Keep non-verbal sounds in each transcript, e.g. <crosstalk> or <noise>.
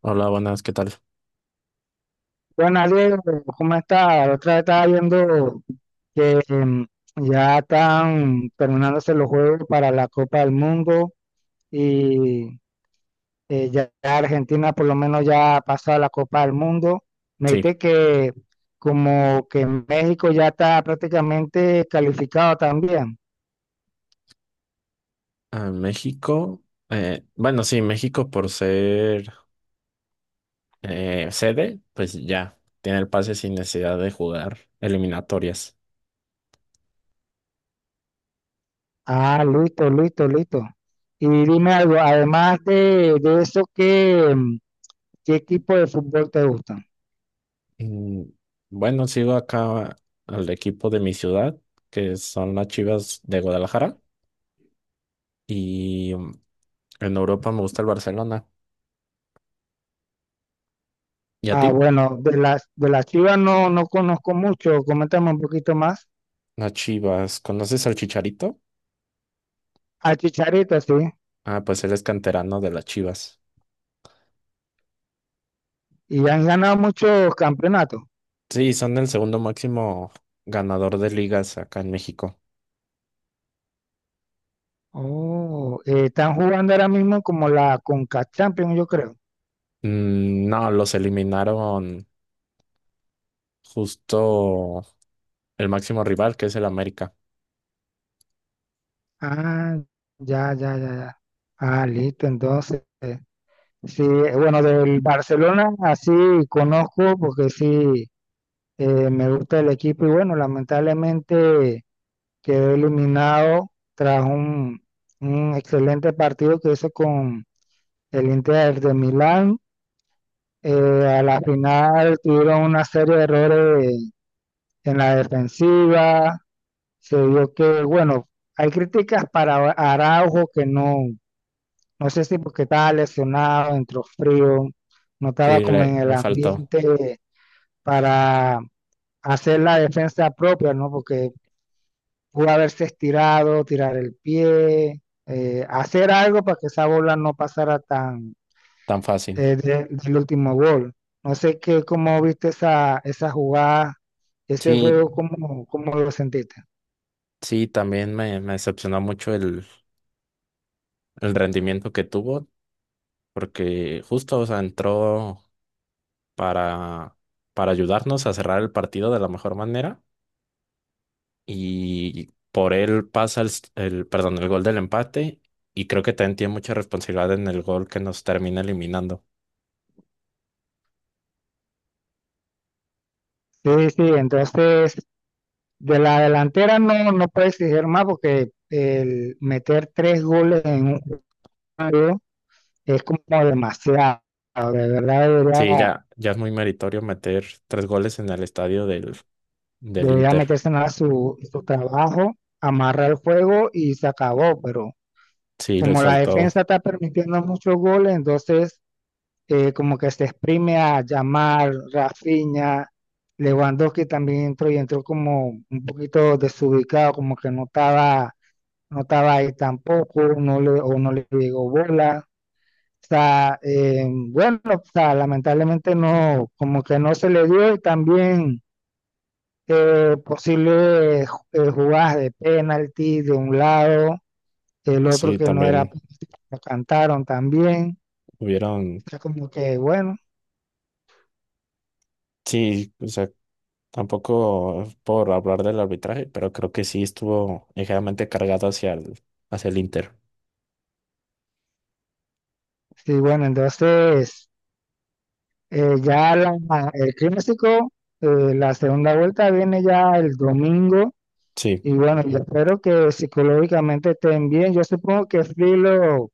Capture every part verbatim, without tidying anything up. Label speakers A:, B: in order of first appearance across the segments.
A: Hola, buenas, ¿qué tal?
B: Bueno, Diego, ¿cómo está? La otra vez estaba viendo que em, ya están terminándose los juegos para la Copa del Mundo y eh, ya Argentina por lo menos ya pasó a la Copa del Mundo. Me
A: Sí,
B: dijiste que como que México ya está prácticamente calificado también.
A: a México. Eh, bueno, sí, México por ser eh, sede, pues ya tiene el pase sin necesidad de jugar eliminatorias.
B: Ah, listo, listo, listo. Y dime algo, además de, de eso, ¿qué, em, qué equipo de fútbol te gusta?
A: Mm, bueno, sigo acá al equipo de mi ciudad, que son las Chivas de Guadalajara. Y mm, en Europa me gusta el Barcelona. ¿Y a
B: Ah,
A: ti?
B: bueno, de las, de las Chivas no, no conozco mucho, coméntame un poquito más.
A: Las Chivas. ¿Conoces al Chicharito?
B: A Chicharito, sí.
A: Ah, pues él es canterano de las Chivas.
B: Y han ganado muchos campeonatos.
A: Sí, son el segundo máximo ganador de ligas acá en México.
B: Oh, eh, están jugando ahora mismo como la Conca Champions, yo creo.
A: Mm, No, los eliminaron justo el máximo rival, que es el América.
B: Ah, ya, ya, ya, ya. Ah, listo, entonces. eh, Sí, eh, bueno, del Barcelona así conozco porque sí, eh, me gusta el equipo y bueno, lamentablemente quedó eliminado tras un, un excelente partido que hizo con el Inter de Milán. Eh, a la final tuvieron una serie de errores en la defensiva. Se vio que, bueno, hay críticas para Araujo que no, no sé si porque estaba lesionado, entró frío, no
A: Sí,
B: estaba como en
A: le,
B: el
A: le faltó
B: ambiente para hacer la defensa propia, ¿no? Porque pudo haberse estirado, tirar el pie, eh, hacer algo para que esa bola no pasara tan
A: tan fácil.
B: eh, de- del último gol. No sé qué, cómo viste esa, esa jugada, ese
A: Sí,
B: juego, cómo, cómo lo sentiste.
A: sí, también me, me decepcionó mucho el, el rendimiento que tuvo, porque justo, o sea, entró para, para ayudarnos a cerrar el partido de la mejor manera y por él pasa el, s- el, perdón, el gol del empate y creo que también tiene mucha responsabilidad en el gol que nos termina eliminando.
B: Sí, sí, entonces de la delantera no, no puede exigir más porque el meter tres goles en un juego es como demasiado. De verdad
A: Sí,
B: debería,
A: ya, ya es muy meritorio meter tres goles en el estadio del, del
B: debería
A: Inter.
B: meterse en la- su, su trabajo, amarrar el juego y se acabó, pero
A: Sí, les
B: como la
A: faltó.
B: defensa está permitiendo muchos goles, entonces eh, como que se exprime a llamar Rafinha, Lewandowski también entró y entró como un poquito desubicado, como que no estaba, no estaba ahí tampoco, no le, o no le llegó bola. O sea, eh, bueno, o sea, lamentablemente no, como que no se le dio y también eh, posibles eh, jugadas de penalti de un lado, el otro
A: Sí,
B: que no era,
A: también
B: penalti, lo cantaron también.
A: hubieron.
B: Sea, como que bueno,
A: Sí, o sea, tampoco es por hablar del arbitraje, pero creo que sí estuvo ligeramente cargado hacia el, hacia el Inter.
B: sí, bueno, entonces eh, ya la- el clásico, eh, la segunda vuelta viene ya el domingo
A: Sí,
B: y bueno, yo espero que psicológicamente estén bien. Yo supongo que Flick lo,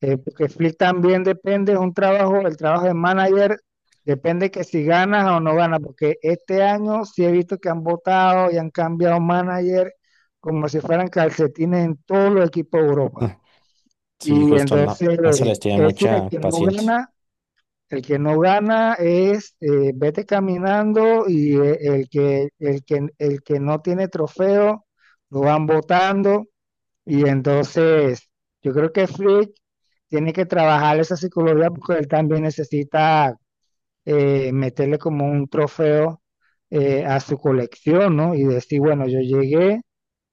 B: eh, porque Flick también depende, es un trabajo, el trabajo de manager depende que si ganas o no ganas, porque este año sí he visto que han votado y han cambiado manager como si fueran calcetines en todos los equipos de Europa.
A: ah, sí,
B: Y
A: justo no,
B: entonces
A: no se les
B: eh,
A: tiene
B: es el
A: mucha
B: que no
A: paciencia.
B: gana, el que no gana es eh, vete caminando y eh, el que, el que, el que no tiene trofeo lo van votando. Y entonces yo creo que Flick tiene que trabajar esa psicología porque él también necesita eh, meterle como un trofeo eh, a su colección, ¿no? Y decir, bueno, yo llegué,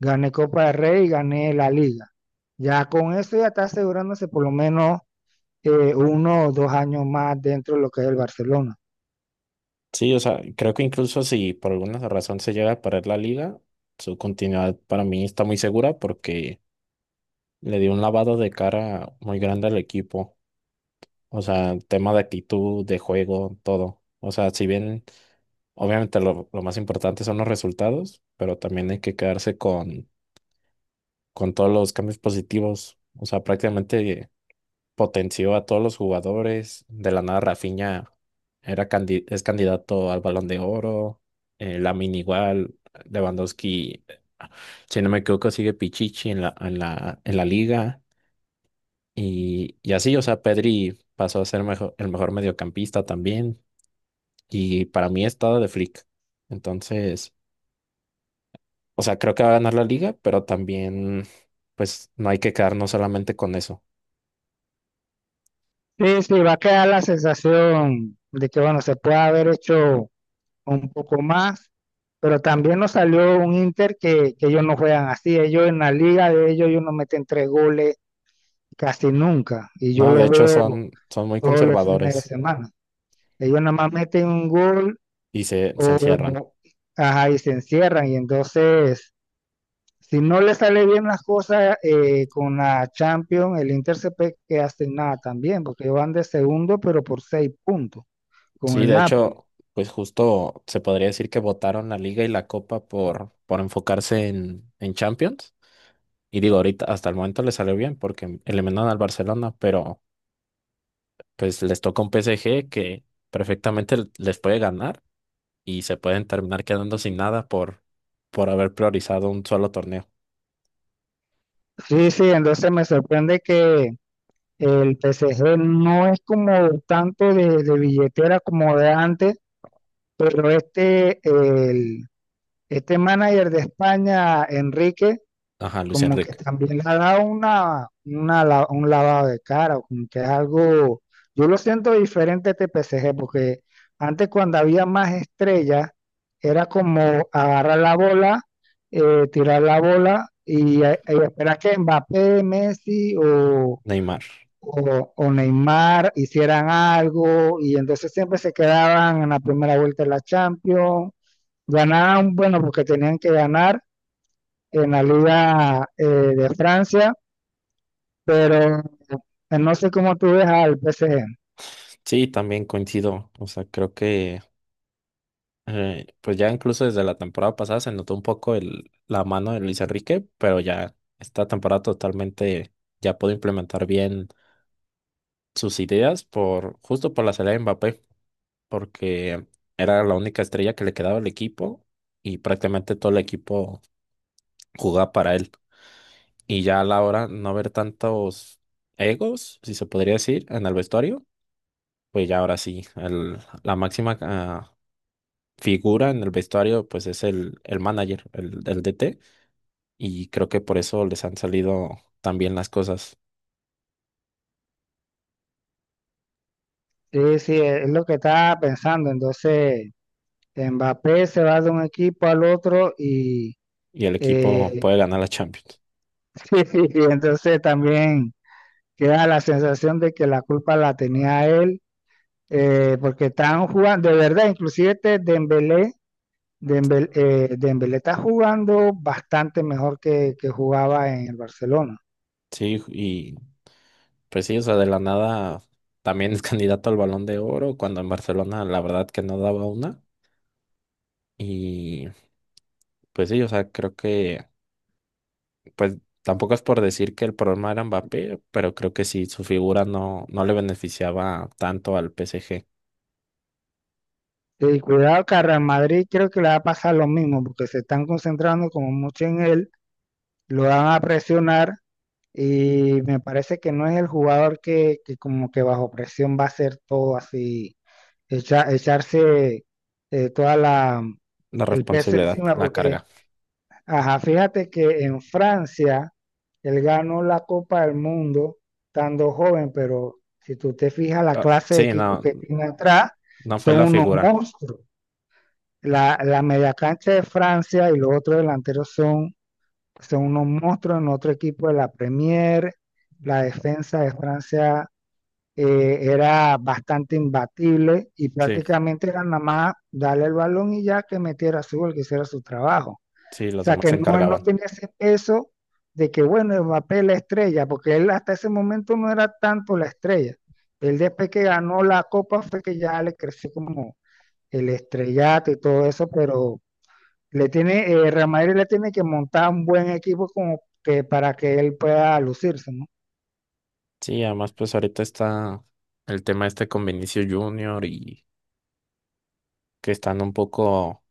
B: gané Copa del Rey y gané la liga. Ya con eso ya está asegurándose por lo menos eh, uno o dos años más dentro de lo que es el Barcelona.
A: Sí, o sea, creo que incluso si por alguna razón se llega a perder la liga, su continuidad para mí está muy segura porque le dio un lavado de cara muy grande al equipo. O sea, tema de actitud, de juego, todo. O sea, si bien obviamente lo, lo más importante son los resultados, pero también hay que quedarse con, con todos los cambios positivos. O sea, prácticamente potenció a todos los jugadores. De la nada, Rafinha era candi- es candidato al Balón de Oro. Eh, Lamine igual. Lewandowski, si no me equivoco, sigue Pichichi en la, en la, en la liga. Y, y así, o sea, Pedri pasó a ser mejo- el mejor mediocampista también. Y para mí está de Flick. Entonces, o sea, creo que va a ganar la liga, pero también, pues, no hay que quedarnos solamente con eso.
B: Sí, sí, va a quedar la sensación de que, bueno, se puede haber hecho un poco más, pero también nos salió un Inter que, que ellos no juegan así. Ellos en la liga de ellos, ellos no meten tres goles casi nunca. Y yo
A: No, de
B: lo
A: hecho,
B: veo
A: son, son muy
B: todos los fines de
A: conservadores
B: semana. Ellos nada más meten un gol
A: y se, se
B: o,
A: encierran.
B: ajá, y se encierran. Y entonces, si no le sale bien las cosas eh, con la Champions, el Inter se pe- que hace nada también, porque ellos van de segundo, pero por seis puntos con
A: Sí,
B: el
A: de
B: Napoli.
A: hecho, pues justo se podría decir que votaron la liga y la copa por, por enfocarse en, en Champions. Y digo, ahorita hasta el momento le salió bien porque eliminaron al Barcelona, pero pues les toca un P S G que perfectamente l- les puede ganar y se pueden terminar quedando sin nada por, por haber priorizado un solo torneo.
B: Sí, sí, entonces me sorprende que el P S G no es como tanto de, de billetera como de antes, pero este, el, este manager de España, Enrique,
A: Ajá, Luis
B: como que
A: Enrique,
B: también le ha dado una, una la- un lavado de cara, o como que es algo, yo lo siento diferente a T P C G, porque antes cuando había más estrellas, era como agarrar la bola, eh, tirar la bola y, eh, y esperar que Mbappé, Messi o,
A: Neymar.
B: o, o Neymar hicieran algo, y entonces siempre se quedaban en la primera vuelta de la Champions, ganaban, bueno, porque tenían que ganar en la Liga eh, de Francia pero eh, no sé cómo tú ves al P S G.
A: Sí, también coincido. O sea, creo que eh, pues ya incluso desde la temporada pasada se notó un poco el, la mano de Luis Enrique, pero ya esta temporada totalmente ya pudo implementar bien sus ideas por justo por la salida de Mbappé. Porque era la única estrella que le quedaba al equipo y prácticamente todo el equipo jugaba para él. Y ya a la hora no ver tantos egos, si se podría decir, en el vestuario, pues ya ahora sí, el- la máxima ah, figura en el vestuario pues es el, el manager, el, el D T, y creo que por eso les han salido tan bien las cosas
B: Sí, sí, e, es lo que estaba pensando. Entonces, Mbappé se va de un equipo al otro y
A: y el equipo
B: eh,
A: puede ganar la Champions.
B: <laughs> sí, entonces también queda la sensación de que la culpa la tenía él, eh, porque están jugando, de verdad, inclusive este Dembélé, Dembélé, eh, Dembélé está jugando bastante mejor que, que jugaba en el Barcelona.
A: Sí, y pues sí, o sea, de la nada también es <laughs> candidato al Balón de Oro, cuando en Barcelona la verdad que no daba una. Y pues sí, o sea, creo que, pues tampoco es por decir que el problema era Mbappé, pero creo que sí, su figura no, no le beneficiaba tanto al P S G.
B: Y cuidado que a Real Madrid creo que le va a pasar lo mismo, porque se están concentrando como mucho en él, lo van a presionar y me parece que no es el jugador que, que como que bajo presión va a hacer todo así, echa- echarse eh, toda la,
A: La
B: el peso
A: responsabilidad,
B: encima,
A: la
B: porque,
A: carga.
B: ajá, fíjate que en Francia él ganó la Copa del Mundo estando joven, pero si tú te fijas la
A: Ah,
B: clase de
A: sí,
B: equipos
A: no,
B: que tiene atrás,
A: no fue
B: son
A: la
B: unos
A: figura.
B: monstruos. La, la media cancha de Francia y los otros delanteros son, son unos monstruos en otro equipo de la Premier. La defensa de Francia eh, era bastante imbatible y
A: Sí,
B: prácticamente era nada más darle el balón y ya que metiera su gol, que hiciera su trabajo.
A: sí,
B: O
A: los
B: sea
A: demás
B: que
A: se
B: no, él no
A: encargaban.
B: tenía ese peso de que, bueno, Mbappé es la estrella, porque él hasta ese momento no era tanto la estrella. Él después que ganó la copa fue que ya le creció como el estrellato y todo eso, pero le tiene, eh, Real Madrid le tiene que montar un buen equipo como que para que él pueda lucirse, ¿no?
A: Sí, además pues ahorita está el tema este con Vinicius Junior y que están un poco.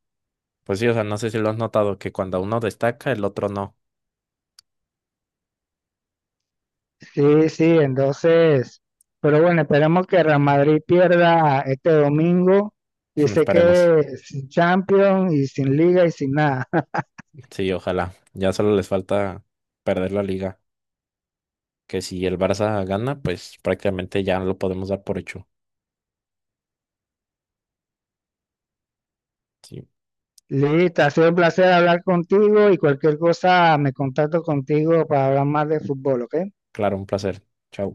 A: Pues sí, o sea, no sé si lo has notado, que cuando uno destaca, el otro no.
B: Sí, sí, entonces, pero bueno, esperemos que Real Madrid pierda este domingo
A: <laughs>
B: y se
A: Esperemos.
B: quede sin Champions y sin Liga y sin nada. <laughs>
A: Sí, ojalá. Ya solo les falta perder la liga. Que si el Barça gana, pues prácticamente ya lo podemos dar por hecho. Sí,
B: Listo, ha sido un placer hablar contigo y cualquier cosa me contacto contigo para hablar más de fútbol, ¿ok?
A: claro, un placer. Chao.